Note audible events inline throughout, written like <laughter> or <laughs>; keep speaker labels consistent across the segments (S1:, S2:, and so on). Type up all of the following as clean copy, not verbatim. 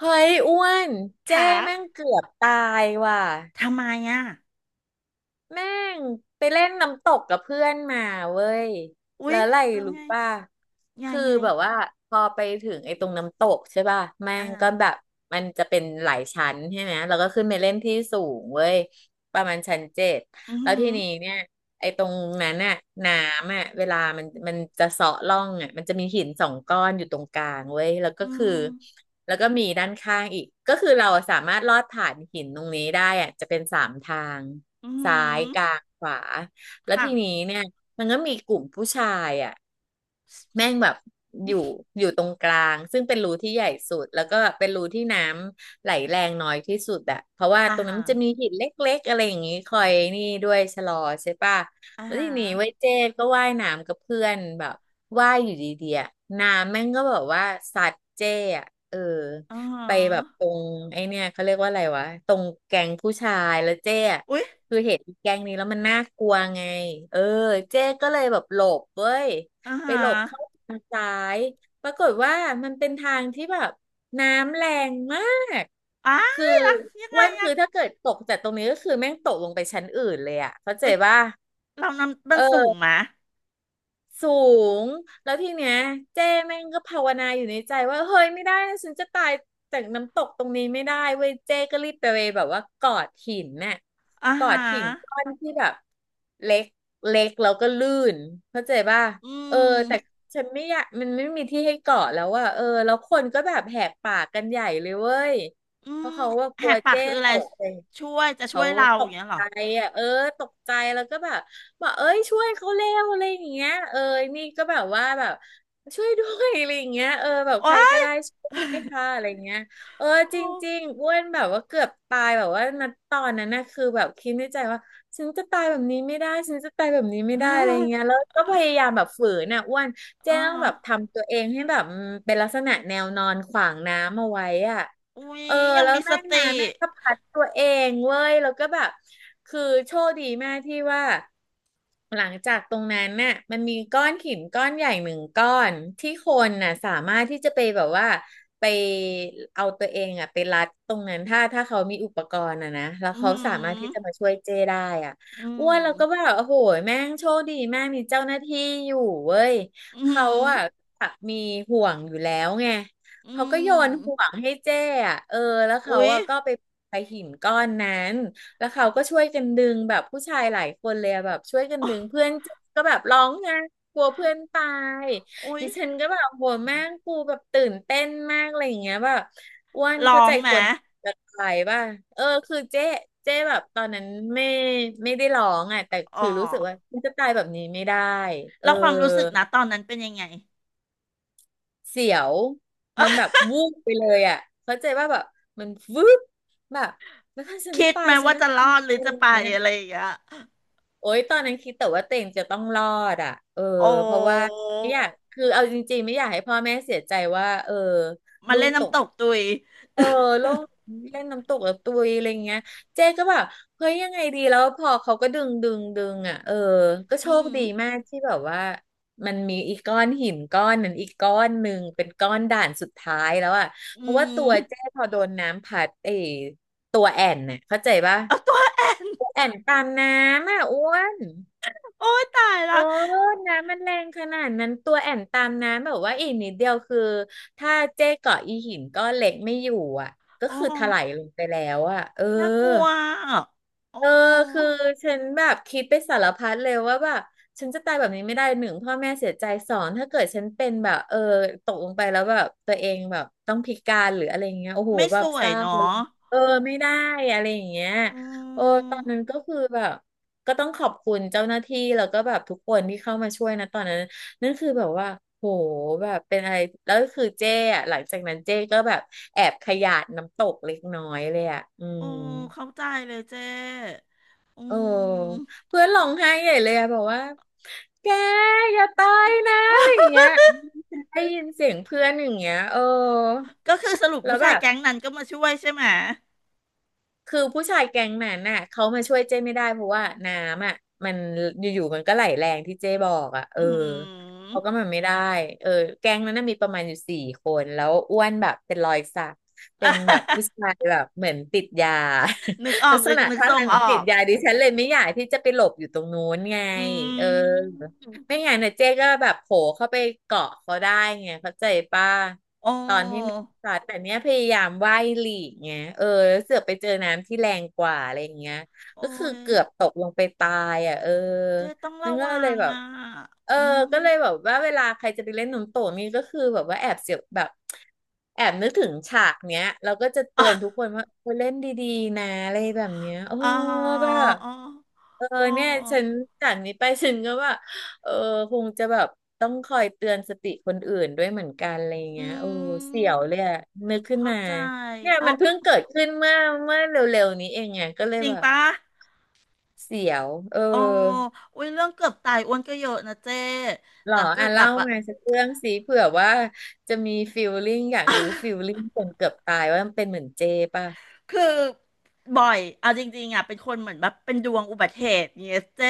S1: เฮ้ยอ้วนเจ้
S2: ขา
S1: แม่งเกือบตายว่ะ
S2: ทำไมอ่ะ
S1: แม่งไปเล่นน้ำตกกับเพื่อนมาเว้ย
S2: อุ๊
S1: แล้
S2: ย
S1: วอะไร
S2: แล้ว
S1: รู้
S2: ไง
S1: ป่ะ
S2: ไง
S1: คือ
S2: ไง
S1: แบบว่าพอไปถึงไอ้ตรงน้ำตกใช่ป่ะแม่
S2: อ่า
S1: งก็แบบมันจะเป็นหลายชั้นใช่ไหมแล้วก็ขึ้นไปเล่นที่สูงเว้ยประมาณชั้นเจ็ด
S2: อือ
S1: แล้ว
S2: หือ
S1: ทีนี้เนี่ยไอ้ตรงนั้นน่ะน้ำอ่ะเวลามันจะเซาะร่องอ่ะมันจะมีหินสองก้อนอยู่ตรงกลางเว้ยแล้ว
S2: อื
S1: ก็คือ
S2: ม
S1: แล้วก็มีด้านข้างอีกก็คือเราสามารถลอดผ่านหินตรงนี้ได้อ่ะจะเป็นสามทาง
S2: อือหื
S1: ซ้ายกลา
S2: อ
S1: งขวาแล้ว
S2: ค่ะ
S1: ทีนี้เนี่ยมันก็มีกลุ่มผู้ชายอ่ะแม่งแบบอยู่อยู่ตรงกลางซึ่งเป็นรูที่ใหญ่สุดแล้วก็เป็นรูที่น้ำไหลแรงน้อยที่สุดอะเพราะว่า
S2: อา
S1: ตรงนั้น
S2: หา
S1: มัน
S2: ร
S1: จะมีหินเล็กๆอะไรอย่างงี้คอยนี่ด้วยชะลอใช่ปะ
S2: อา
S1: แล้วที
S2: หาร
S1: นี้ไว้ยเจ๊ก็ว่ายน้ำกับเพื่อนแบบว่ายอยู่ดีๆอะน้ำแม่งก็แบบว่าสัดเจ๊อะเออ
S2: อือหื
S1: ไปแบบตร
S2: อ
S1: งไอเนี่ยเขาเรียกว่าอะไรวะตรงแกงผู้ชายแล้วเจ๊อะ
S2: อุ๊ย
S1: คือเห็นอีแก๊งนี้แล้วมันน่ากลัวไง เออเจ๊ก็เลยแบบหลบเว้ย
S2: อา
S1: ไป
S2: หา
S1: หลบเข้า
S2: ร
S1: ทางซ้าย ปรากฏว่ามันเป็นทางที่แบบน้ำแรงมาก
S2: อ้า
S1: คือ
S2: ยอะยัง
S1: อ้
S2: ไง
S1: วัน
S2: อ่ะ
S1: คือถ้าเกิดตกจากตรงนี้ก็คือแม่งตกลงไปชั้นอื่นเลยอะเข้าใจ
S2: เอ้ย
S1: ป่ะ
S2: เรานำมันสูง
S1: เออ
S2: มะ
S1: สูงแล้วทีเนี้ยเจ้แม่งก็ภาวนาอยู่ในใจว่าเฮ้ยไม่ได้นะฉันจะตายจากน้ำตกตรงนี้ไม่ได้เว้ยเจ้ก็รีบไปเว้ยแบบว่ากอดหินน่ะ
S2: อา
S1: กอ
S2: หา
S1: ดหินก้
S2: ร
S1: อนที่แบบเล็กเล็กแล้วก็ลื่นเข้าใจป่ะ
S2: อื
S1: เออแต่
S2: ม
S1: ฉันไม่อยากมันไม่มีที่ให้เกาะแล้วอะเออแล้วคนก็แบบแหกปากกันใหญ่เลยเว้ย
S2: อื
S1: เพ
S2: ม
S1: ราะเขาว่าก
S2: แห
S1: ลัว
S2: กปาก
S1: เจ้
S2: คืออะ
S1: ต
S2: ไร
S1: กเลย
S2: ช่วยจะช่
S1: เขา
S2: วยเรา
S1: ต
S2: อย่าง
S1: ก
S2: เงี้ยเหรอ
S1: ใจอ่ะเออตกใจแล้วก็แบบ บอกเอ้ยช่วยเขาเร็วอะไรอย่างเงี้ยเออนี่ก็แบบว่าแบบช่วยด้วยอะไรอย่างเงี้ยเออแบบ
S2: โอ๊
S1: ใครก็
S2: ย
S1: ได้ช่วยไ้วค่ะอะไรอย่างเงี้ยเออ
S2: <laughs>
S1: จ
S2: โอ้
S1: ริงๆอ้วนแบบว่าเกือบตายแบบว่าณตอนนั้นนะคือแบบคิดในใจว่าฉันจะตายแบบนี้ไม่ได้ฉันจะตายแบบนี้ไม่
S2: อ่
S1: ได้อะไรเงี้ย
S2: า
S1: แล้วก็พยายามแบบฝืนน่ะอ้วนเจ๊
S2: ร
S1: ต้องแบบทำตัวเองให้แบบเป็นลักษณะแนวนอนขวางน้ำเอาไว้อ่ะ
S2: อุ๊ย
S1: เออ
S2: ยัง
S1: แล้ว
S2: มีส
S1: แม่งนะ
S2: ติ
S1: แม่งก็พัดตัวเองเว้ยแล้วก็แบบคือโชคดีแม่ที่ว่าหลังจากตรงนั้นน่ะมันมีก้อนหินก้อนใหญ่หนึ่งก้อนที่คนน่ะสามารถที่จะไปแบบว่าไปเอาตัวเองอ่ะไปรัดตรงนั้นถ้าเขามีอุปกรณ์อ่ะนะแล้ว
S2: อื
S1: เขาสามารถที่
S2: อห
S1: จะมาช่วยเจ้ได้อ่ะ
S2: อื
S1: อ้
S2: ม
S1: วนแล้วก็แบบโอ้โหแม่งโชคดีแม่งมีเจ้าหน้าที่อยู่เว้ย
S2: อื
S1: เขา
S2: ม
S1: อ่ะมีห่วงอยู่แล้วไง
S2: อื
S1: เขาก็โยนห่ว
S2: ม
S1: งให้เจ้อะเออแล้วเขา
S2: อุ๊ย
S1: อะก็ไปไปหินก้อนนั้นแล้วเขาก็ช่วยกันดึงแบบผู้ชายหลายคนเลยอะแบบช่วยกัน
S2: อ๋อ
S1: ดึงเพื่อนเจ้ก็แบบร้องไห้กลัวเพื่อนตาย
S2: อุ๊ย
S1: ดิฉันก็แบบโหแม่งกูแบบตื่นเต้นมากอะไรอย่างเงี้ยแบบอ้วน
S2: ร้
S1: เข้า
S2: อ
S1: ใจ
S2: งไหม
S1: คนจะตายป่ะเออคือเจ๊เจ๊แบบตอนนั้นไม่ไม่ได้ร้องอ่ะแต่
S2: อ๋อ
S1: คือรู้สึกว่าฉันจะตายแบบนี้ไม่ได้เออ
S2: แล้วความรู้สึกนะตอนนั้นเป็นยังไง
S1: เสียวมันแบบวูบไปเลยอ่ะเข้าใจว่าแบบมันวืบแบบแล้วถ้าฉัน
S2: คิด
S1: ตา
S2: ไหม
S1: ยฉัน
S2: ว่า
S1: จะ
S2: จะรอ
S1: ทำ
S2: ดห
S1: อะ
S2: รือ
S1: ไร
S2: จะ
S1: อ
S2: ไป
S1: ย่างเงี้ย
S2: อะไรอย่างเงี้ย
S1: โอ๊ยตอนนั้นคิดแต่ว่าตัวเองจะต้องรอดอ่ะเออ
S2: โอ้
S1: เพราะว่าไม่อยากคือเอาจริงๆไม่อยากให้พ่อแม่เสียใจว่าเออ
S2: มา
S1: ลู
S2: เล่
S1: ก
S2: น
S1: ต
S2: น้ำ
S1: ก
S2: ตกตุย
S1: เออโลงเล่นน้ำตกแบบตุยอะไรเงี้ยเจ๊ก็แบบเฮ้ยยังไงดีแล้วพอเขาก็ดึงดึงดึงอ่ะเออก็โช
S2: อื
S1: ค
S2: ม
S1: ดีมากที่แบบว่ามันมีอีกก้อนหินก้อนนั้นอีกก้อนหนึ่งเป็นก้อนด่านสุดท้ายแล้วอ่ะ
S2: อื
S1: เพราะว่าตัวเจ๊
S2: ม
S1: พอโดนน้ำพัดเออตัวแอ่นเนี่ยเข้าใจปะ
S2: เอาตัวแอบ
S1: ตัวแอ่นตามน้ำอ่ะอ้วน
S2: โอ้ยตาย
S1: เอ
S2: ละ
S1: อน้ำมันแรงขนาดนั้นตัวแอนตามน้ำแบบว่าอีกนิดเดียวคือถ้าเจ๊เกาะอีหินก็เล็กไม่อยู่อ่ะก็
S2: โอ้
S1: คือถลายลงไปแล้วอ่ะเออ
S2: น่ากลัวอะโอ้
S1: เออคือฉันแบบคิดไปสารพัดเลยว่าแบบฉันจะตายแบบนี้ไม่ได้หนึ่งพ่อแม่เสียใจ2ถ้าเกิดฉันเป็นแบบเออตกลงไปแล้วแบบตัวเองแบบต้องพิการหรืออะไรอย่างเงี้ยโอ้โห
S2: ไม่
S1: แบ
S2: ส
S1: บ
S2: ว
S1: เศ
S2: ย
S1: ร้าเล
S2: เนาะ
S1: ยเออไม่ได้อะไรอย่างเงี้ย
S2: โอ
S1: โอ้
S2: ้
S1: ตอนนั้นก็คือแบบก็ต้องขอบคุณเจ้าหน้าที่แล้วก็แบบทุกคนที่เข้ามาช่วยนะตอนนั้นนั่นคือแบบว่าโหแบบเป็นอะไรแล้วคือเจ้อะหลังจากนั้นเจ้ก็แบบแอบขยาดน้ำตกเล็กน้อยเลยอะอื
S2: โอ้
S1: ม
S2: เข้าใจเลยเจ้อื
S1: เออ
S2: ม
S1: เพื่อนร้องไห้ใหญ่เลยอะบอกว่าแกอย่าตายนะอะไรอย่า
S2: <laughs>
S1: งเงี้ยได้ยินเสียงเพื่อนอย่างเงี้ยเออ
S2: ก็คือสรุป
S1: แล้
S2: ผู้
S1: วแบ
S2: ชาย
S1: บ
S2: แก๊งนั้นก็มาช่วยใช่ไหม
S1: คือผู้ชายแก๊งนั้นน่ะเขามาช่วยเจ้ไม่ได้เพราะว่าน้ำอ่ะมันอยู่ๆมันก็ไหลแรงที่เจ้บอกอ่ะเอ
S2: อื
S1: อเขาก็
S2: ม
S1: มันไม่ได้เออแก๊งนั้นน่ะมีประมาณอยู่4คนแล้วอ้วนแบบเป็นรอยสักเป็นแบบผู้ชา
S2: <laughs>
S1: ยแบบเหมือนติดยา
S2: นึกอ
S1: <laughs>
S2: อ
S1: ลั
S2: ก
S1: กษ
S2: นึก
S1: ณะ
S2: นึก
S1: ท่า
S2: ทรง
S1: ทางเห
S2: อ
S1: มือน
S2: อ
S1: ติด
S2: ก
S1: ยาดิฉันเลยไม่อยากที่จะไปหลบอยู่ตรงนู้นไง
S2: อื
S1: เออ
S2: ม
S1: ไม่งั้นน่ะเจ๊ก็แบบโผล่เข้าไปเกาะเขาได้ไงเข้าใจป่ะ
S2: โอ้
S1: ตอนที่มีสัตว์แต่เนี้ยพยายามว่ายหลีกเงี้ยเออแล้วเสือกไปเจอน้ำที่แรงกว่าอะไรอย่างเงี้ย
S2: โอ้
S1: ก็คือ
S2: ย
S1: เกือบตกลงไปตายอ่ะเออ
S2: เจ๊ต้อง
S1: นั่
S2: ระ
S1: นก็
S2: วั
S1: เลย
S2: ง
S1: แบบ
S2: อ่ะ
S1: เออ
S2: อืม
S1: ก็เลยแบบว่าเวลาใครจะไปเล่นน้ำตกนี่ก็คือแบบว่าแอบเสียวแบบแอบนึกถึงฉากเนี้ยเราก็จะ
S2: อ๋
S1: เตือนทุ
S2: อ
S1: กคนว่าเออเล่นดีๆนะอะไรแบบเนี้ยโอ้
S2: อ๋อ
S1: แบบ
S2: อ๋อ
S1: เออ
S2: ออ
S1: เนี่ยฉันจากนี้ไปฉันก็ว่า เออคงจะแบบต้องคอยเตือนสติคนอื่นด้วยเหมือนกันอะไรอย่างเงี้
S2: อื
S1: ยเอ้เสีย
S2: ม
S1: วเลยอะนึกขึ้น
S2: เข้า
S1: มา
S2: ใจ
S1: เนี่ย
S2: โอ้
S1: มันเพิ่งเกิดขึ้นเมื่อเร็วๆนี้เองไงก็เลย
S2: จริง
S1: แบบ
S2: ปะ
S1: เสียวเออ
S2: โอ้อุ้ยเรื่องเกือบตายอ้วนก็เยอะนะเจ๊
S1: หร
S2: แต่
S1: อ
S2: เกิ
S1: อ่ะ
S2: ดแบ
S1: เล่า
S2: บ
S1: มาสักเรื่องสิเผื่อว่าจะมีฟีลลิ่งอยากรู้ฟีลลิ่งคนเกือบตายว่ามันเป็นเหมือนเจป่ะ
S2: คือบ่อยเอาจริงๆอ่ะเป็นคนเหมือนแบบเป็นดวงอุบัติเหตุเนี่ยเจ้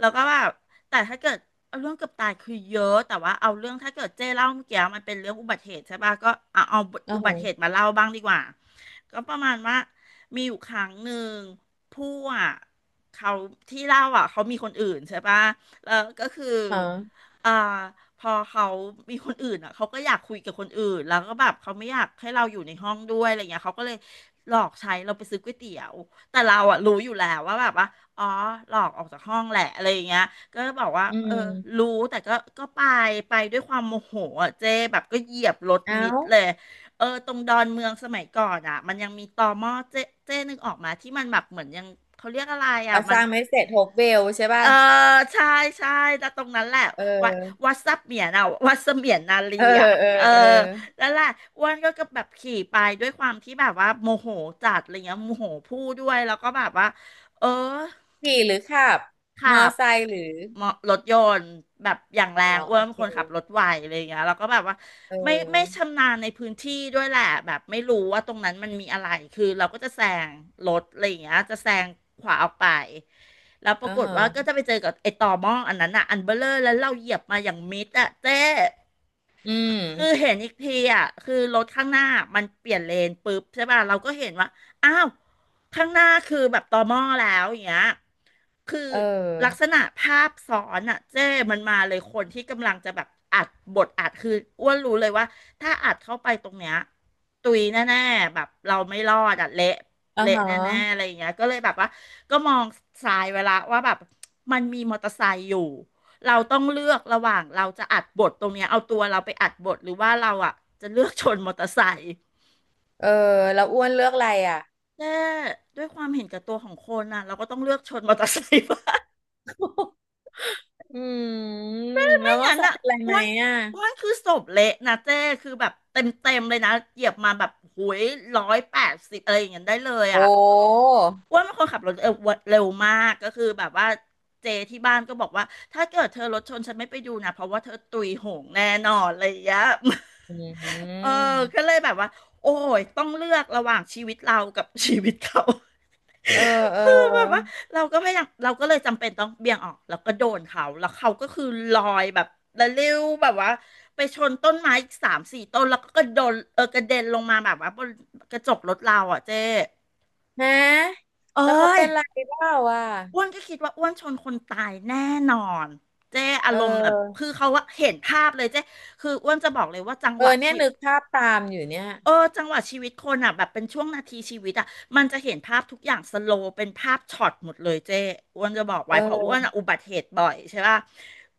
S2: แล้วก็แบบแต่ถ้าเกิดเอาเรื่องเกือบตายคือเยอะแต่ว่าเอาเรื่องถ้าเกิดเจ้เล่าเมื่อกี้มันเป็นเรื่องอุบัติเหตุใช่ป่ะก็เอา
S1: อ๋อ
S2: อุ
S1: โห
S2: บัติเหตุมาเล่าบ้างดีกว่าก็ประมาณว่ามีอยู่ครั้งหนึ่งผู้อ่ะเขาที่เล่าอ่ะเขามีคนอื่นใช่ป่ะแล้วก็คือ
S1: ฮะ
S2: อ่าพอเขามีคนอื่นอ่ะเขาก็อยากคุยกับคนอื่นแล้วก็แบบเขาไม่อยากให้เราอยู่ในห้องด้วยอะไรเงี้ยเขาก็เลยหลอกใช้เราไปซื้อก๋วยเตี๋ยวแต่เราอ่ะรู้อยู่แล้วว่าแบบว่าอ๋อหลอกออกจากห้องแหละอะไรอย่างเงี้ยก็บอกว่า
S1: อื
S2: เออ
S1: ม
S2: รู้แต่ก็ไปไปด้วยความโมโหอ่ะเจ๊แบบก็เหยียบรถ
S1: เอ้า
S2: มิดเลยเออตรงดอนเมืองสมัยก่อนอ่ะมันยังมีตอม่อเจ๊เจ๊นึกออกมาที่มันแบบเหมือนยังเขาเรียกอะไรอ่ะ
S1: เอาส
S2: มัน
S1: ร้างไม่เสร็จโฮปเวลใช่
S2: เอ
S1: ป่ะ
S2: อใช่ใช่แล้วตรงนั้นแหละ
S1: เอ
S2: วัด
S1: อ
S2: วัดซับเหมียนอ่ะวัดเสมียนนาลี
S1: เออ
S2: อ่ะ
S1: เออ
S2: เออ
S1: เออ
S2: แล้วแหละอ้วนก็แบบขี่ไปด้วยความที่แบบว่าโมโหจัดอะไรเงี้ยโมโหพูดด้วยแล้วก็แบบว่าเออ
S1: ขี่หรือขับ
S2: ขั
S1: มอ
S2: บ
S1: ไซค์หรือ
S2: มอรถยนต์แบบอย่างแร
S1: อ๋อ
S2: งอ้ว
S1: โอ
S2: นเป็น
S1: เค
S2: คนขับรถไวอะไรอย่างเงี้ยแล้วก็แบบว่า
S1: เ
S2: ไม่
S1: ออ
S2: ชำนาญในพื้นที่ด้วยแหละแบบไม่รู้ว่าตรงนั้นมันมีอะไรคือเราก็จะแซงรถอะไรอย่างเงี้ยจะแซงขวาออกไปแล้วปรา
S1: อ่า
S2: กฏ
S1: ฮะ
S2: ว่าก็จะไปเจอกับไอ้ต่อหม้ออันนั้นอ่ะอันเบลเลอร์แล้วเราเหยียบมาอย่างมิดอ่ะเจ๊
S1: อื
S2: คือ
S1: ม
S2: เห็นอีกทีอ่ะคือรถข้างหน้ามันเปลี่ยนเลนปุ๊บใช่ป่ะเราก็เห็นว่าอ้าวข้างหน้าคือแบบตอม่อแล้วอย่างเงี้ยคือ
S1: เอ
S2: ลักษ
S1: อ
S2: ณะภาพซ้อนอ่ะเจ้มันมาเลยคนที่กำลังจะแบบอัดบทอัดคืออ้วนรู้เลยว่าถ้าอัดเข้าไปตรงเนี้ยตุยแน่ๆแบบเราไม่รอดอ่ะเละ
S1: อ่า
S2: เละ
S1: ฮะ
S2: แน่ๆอะไรอย่างเงี้ยก็เลยแบบว่าก็มองซ้ายเวลาว่าแบบมันมีมอเตอร์ไซค์อยู่ เราต้องเลือกระหว่างเราจะอัดบทตรงเนี้ยเอาตัวเราไปอัดบทหรือว่าเราอ่ะจะเลือกชนมอเตอร์ไซค์
S1: เออแล้วอ้วนเลือกอะไรอ่ะ
S2: แต่ด้วยความเห็นแก่ตัวของคนน่ะเราก็ต้องเลือกชนมอเตอร์ไซค์บ้าง
S1: อืม
S2: <laughs>
S1: แล้
S2: ไม่
S1: วมอ
S2: งั้น
S1: ส
S2: อ่ะ
S1: เป็นอะไร
S2: อ้
S1: ไหม
S2: วน
S1: อ่ะ
S2: อ้วนคือศพเละนะเจ้คือแบบเต็มเต็มเลยนะเหยียบมาแบบหุย180อะไรอย่างเงี้ยได้เลย
S1: โอ้
S2: อ่ะ อ้วนเป็นคนขับรถเออเร็วมากก็คือแบบว่าเจที่บ้านก็บอกว่าถ้าเกิดเธอรถชนฉันไม่ไปดูนะเพราะว่าเธอตุยโหงแน่นอนอะไรอย่างเงี้ย
S1: อื
S2: <laughs> เออ
S1: ม
S2: ก็เลยแบบว่าโอ้ยต้องเลือกระหว่างชีวิตเรากับ <laughs> ชีวิตเขา
S1: เออ
S2: <laughs>
S1: เออ
S2: คือแบบว่าเราก็ไม่อยากเราก็เลยจำเป็นต้องเบี่ยงออกแล้วก็โดนเขาแล้วเขาก็คือลอยแบบระลิ้วแบบว่าไปชนต้นไม้อีก3-4 ต้นแล้วก็กระโดนเออกระเด็นลงมาแบบว่าบนกระจกรถเราอ่ะเจ๊
S1: ฮะ
S2: เอ้
S1: แล้วเขา
S2: ย
S1: เป็นอะไรบ้างวะ
S2: อ้วนก็คิดว่าอ้วนชนคนตายแน่นอนเจ๊
S1: เ
S2: อารมณ์แบบ
S1: ออ
S2: คือเขาว่าเห็นภาพเลยเจ๊คืออ้วนจะบอกเลยว่าจัง
S1: เอ
S2: หวะ
S1: อเนี่ย
S2: ชี
S1: นึกภาพตามอยู่เนี่ย
S2: เออจังหวะชีวิตคนอ่ะแบบเป็นช่วงนาทีชีวิตอ่ะมันจะเห็นภาพทุกอย่างสโลว์เป็นภาพช็อตหมดเลยเจ้อ้วนจะบอก
S1: เ
S2: ไว้เพราะอ้วนอะ
S1: ออ
S2: อุบัติเหตุบ่อยใช่ป่ะ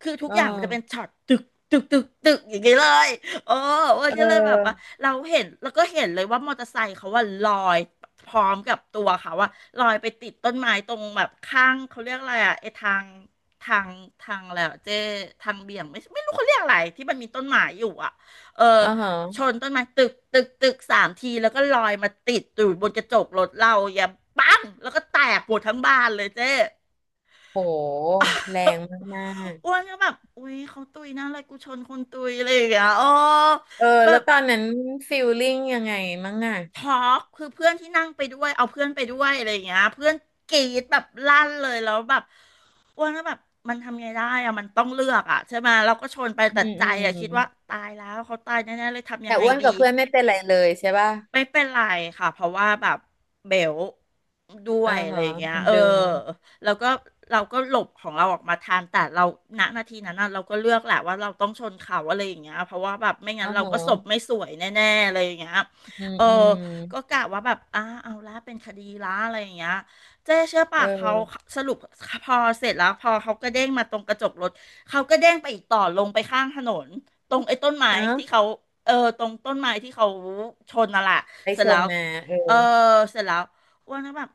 S2: คือทุก
S1: เอ
S2: อย่างมันจะเป็น
S1: อ
S2: ช็อตตึกตึกตึกตึกอย่างนี้เลยเอออ้ว
S1: เ
S2: นก็เลยแบบว่า
S1: ออ
S2: เราเห็นแล้วก็เห็นเลยว่ามอเตอร์ไซค์เขาว่าลอยพร้อมกับตัวเขาว่าลอยไปติดต้นไม้ตรงแบบข้างเขาเรียกอะไรอ่ะไอ้ทางทางทางแล้วเจ้ทางเบี่ยงไม่รู้เขาเรียกอะไรที่มันมีต้นไม้อยู่อ่ะเออ
S1: อ่าฮะ
S2: ชนต้นไม้ตึกตึกตึกสามทีแล้วก็ลอยมาติดอยู่บนกระจกรถเราอย่าปังแล้วก็แตกหมดทั้งบ้านเลยเจ๊
S1: โหแรงมา
S2: <laughs> อ้
S1: ก
S2: วนก็แบบอุ้ยเขาตุยนะอะไรกูชนคนตุยอะไรอย่างเงี้ยอ๋อ
S1: ๆเออ
S2: แบ
S1: แล้ว
S2: บ
S1: ตอนนั้นฟีลลิ่งยังไงมั้งอ่ะ
S2: ช็อกคือเพื่อนที่นั่งไปด้วยเอาเพื่อนไปด้วยอะไรอย่างเงี้ยเพื่อนกรีดแบบลั่นเลยแล้วแบบอ้วนก็แบบมันทำไงได้อะมันต้องเลือกอะใช่ไหมเราก็ชนไป
S1: อื
S2: แต่
S1: ม
S2: ใจ
S1: อื
S2: อะคิดว่า
S1: ม
S2: ตายแล้วเขาตายแน่ๆเลยทำยั
S1: แต่
S2: งไง
S1: อ้วน
S2: ดี
S1: กับเพื่อนไม่เป็นไรเลยใช่ป่ะ
S2: ไม่เป็นไรค่ะเพราะว่าแบบเบลด้ว
S1: อ่า
S2: ยอะไร
S1: ฮะ
S2: อย่างเงี้ย
S1: มัน
S2: เออ
S1: ดึง
S2: แล้วก็เราก็หลบของเราออกมาทันแต่เราณนาทีนั้นน่ะเราก็เลือกแหละว่าเราต้องชนเขาอะไรอย่างเงี้ยเพราะว่าแบบไม่งั้
S1: อ่า
S2: นเรา
S1: ฮะ
S2: ก็ศพไม่สวยแน่ๆอะไรอย่างเงี้ย
S1: อืม
S2: เออ
S1: อืม
S2: ก็กะว่าแบบเอาละเป็นคดีละอะไรอย่างเงี้ยเจ๊เชื่อป่ะ
S1: เอ
S2: เขา
S1: อ
S2: สรุปพอเสร็จแล้วพอเขาก็เด้งมาตรงกระจกรถเขาก็เด้งไปอีกต่อลงไปข้างถนน ตรงไอ้ต้นไม้
S1: เอ้า
S2: ที่เขาเออตรงต้นไม้ที่เขาชนน่ะแหละ
S1: ไป
S2: เสร็
S1: ช
S2: จแล้
S1: น
S2: ว
S1: มาเออ
S2: เออเสร็จแล้วอ้วนก็แบบ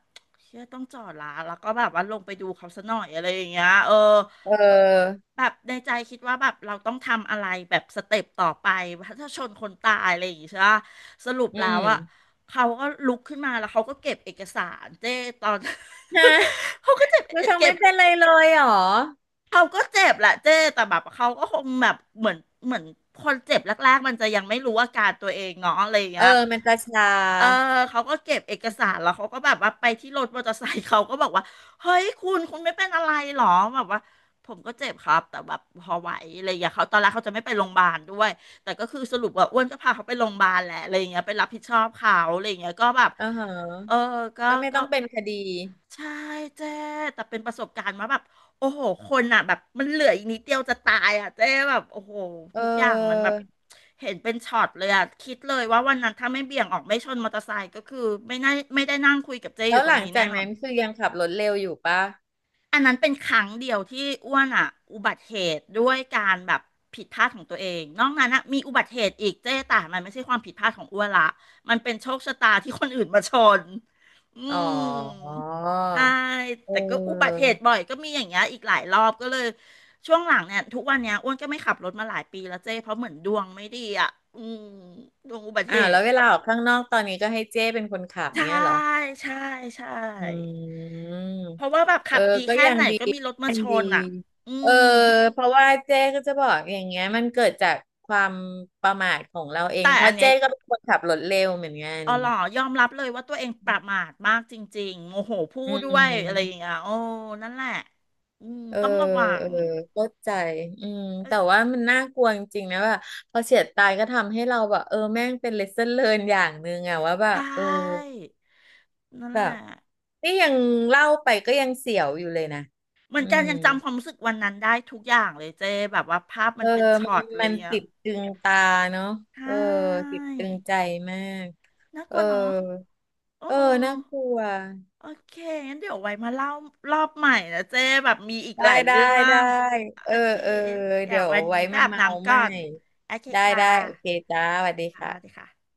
S2: เชื่อต้องจอดละแล้วก็แบบว่าลงไปดูเขาซะหน่อยอะไรอย่างเงี้ยเออ
S1: เ
S2: ปะ
S1: ออ
S2: แบบในใจคิดว่าแบบเราต้องทำอะไรแบบสเต็ปต่อไปถ้าชนคนตายอะไรอย่างเงี้ยใช่ปะสรุป
S1: อื
S2: แล้ว
S1: ม
S2: อะเขาก็ลุกขึ้นมาแล้วเขาก็เก็บเอกสารเจ้ตอน
S1: <laughs> ฮะ
S2: <laughs> เขาก็จะ
S1: คือเขา
S2: เก็
S1: ไม่
S2: บ
S1: เป็นไรเลยเหรอ
S2: เขาก็เจ็บแหละเจ้แต่แบบเขาก็คงแบบเหมือนคนเจ็บแรกๆมันจะยังไม่รู้อาการตัวเองเนาะอะไรอย่าง
S1: เอ
S2: เงี้
S1: อ
S2: ย
S1: มันจะชา
S2: เออเขาก็เก็บเอกสารแล้วเขาก็แบบว่าไปที่รถมอเตอร์ไซค์เขาก็บอกว่าเฮ้ยคุณไม่เป็นอะไรหรอแบบว่าผมก็เจ็บครับแต่แบบพอไหวอะไรอย่างเงี้ยเขาตอนแรกเขาจะไม่ไปโรงพยาบาลด้วยแต่คือสรุปว่าอ้วนก็พาเขาไปโรงพยาบาลแหละอะไรอย่างเงี้ยไปรับผิดชอบเขาอะไรอย่างเงี้ยก็แบบ
S1: อ่าฮะ
S2: เออก็
S1: ก็ไม่
S2: ก็
S1: ต้องเป็นคดี
S2: ใช่เจ๊แต่เป็นประสบการณ์ว่าแบบโอ้โหคนอ่ะแบบมันเหลืออีกนิดเดียวจะตายอ่ะเจ๊แบบโอ้โห
S1: เอ
S2: ทุกอย่างมันแบ
S1: อ
S2: บเห็นเป็นช็อตเลยอ่ะคิดเลยว่าวันนั้นถ้าไม่เบี่ยงออกไม่ชนมอเตอร์ไซค์ก็คือไม่น่าไม่ได้นั่งคุยกับเจ๊อ
S1: แล้
S2: ยู่
S1: ว
S2: ตร
S1: ห
S2: ง
S1: ลัง
S2: นี้แน่
S1: จาก
S2: นอน
S1: นั้นคือยังขับรถเร็วอยู่ป่ะ
S2: อันนั้นเป็นครั้งเดียวที่อ้วนอ่ะอุบัติเหตุด้วยการแบบผิดพลาดของตัวเองนอกนั้นอ่ะมีอุบัติเหตุอีกเจ๊แต่มันไม่ใช่ความผิดพลาดของอ้วนละมันเป็นโชคชะตาที่คนอื่นมาชนอื
S1: อ๋อ
S2: มใช่
S1: เ
S2: แต่ก็อุบัติ
S1: ออ
S2: เหตุบ่อยก็มีอย่างเงี้ยอีกหลายรอบก็เลยช่วงหลังเนี่ยทุกวันเนี้ยอ้วนก็ไม่ขับรถมาหลายปีแล้วเจ๊เพราะเหมือนดวงไม่ดีอ่ะอืมดวงอุบัติเห
S1: อ่าวแล้ว
S2: ตุ
S1: เวลาออกข้างนอกตอนนี้ก็ให้เจ้เป็นคนขับ
S2: ใช่
S1: เนี้ยเหรอ
S2: ใช่ใช
S1: อื
S2: ่เพราะ
S1: ม
S2: ว่าแบบ
S1: เอ
S2: ขั
S1: อ
S2: บดี
S1: ก็
S2: แค่
S1: ยัง
S2: ไหน
S1: ดี
S2: ก็มีรถมา
S1: ยัง
S2: ช
S1: ดี
S2: นอ่ะอื
S1: เออ
S2: ม
S1: เพราะว่าเจ๊ก็จะบอกอย่างเงี้ยมันเกิดจากความประมาทของเราเอง
S2: แต่
S1: เพ
S2: อั
S1: ราะ
S2: นเนี้
S1: เจ๊
S2: ย
S1: ก็เป็นคนขับรถเร็วเหมือนกัน
S2: อ๋อหรอยอมรับเลยว่าตัวเองประมาทมากจริงๆโมโหพู
S1: อื
S2: ดด้วยอะไรอย่าง
S1: ม
S2: เงี้ยโอ้นั่นแหละอืม
S1: เออ
S2: ต้องระวั
S1: เอ
S2: ง
S1: อเข้าใจอืม
S2: เอ้ย
S1: แต่ว่ามันน่ากลัวจริงๆนะว่าพอเฉียดตายก็ทำให้เราแบบเออแม่งเป็น lesson learn อย่างหนึ่งอะว่าแบ
S2: ใช
S1: บเออ
S2: ่นั่น
S1: แบ
S2: แหละ
S1: บนี่ยังเล่าไปก็ยังเสียวอยู่เลยนะ
S2: เหมือ
S1: อื
S2: นกัน
S1: ม
S2: ยังจำความรู้สึกวันนั้นได้ทุกอย่างเลยเจ๊แบบว่าภาพ
S1: เอ
S2: มั
S1: อ
S2: นเป็น
S1: มั
S2: ช็
S1: น
S2: อตเล
S1: มั
S2: ย
S1: นติ
S2: อ่ะ
S1: ดตึงตาเนาะ
S2: ใช
S1: เออ
S2: ่
S1: ติดตึงใจมาก
S2: น่าก
S1: เอ
S2: ลั
S1: อ
S2: วเนาะอื
S1: เออ
S2: ม
S1: น่ากลัว
S2: โอเคงั้นเดี๋ยวไว้มาเล่ารอบใหม่นะเจ๊แบบมีอีก
S1: ได้
S2: หลาย
S1: ได้
S2: เรื่อ
S1: ได้
S2: ง
S1: เอ
S2: โอ
S1: อ
S2: เค
S1: เออ
S2: เดี๋ย
S1: เดี๋
S2: ว
S1: ยว
S2: วัน
S1: ไว้
S2: นี้ไป
S1: มา
S2: อาบ
S1: เมา
S2: น้ำ
S1: ให
S2: ก่อ
S1: ม่
S2: นโอเค
S1: ได้
S2: ค่ะ
S1: ได้ โอเคจ้าสวัสดี
S2: ค่ะ
S1: ค่ะ
S2: สวัสดีค่ะ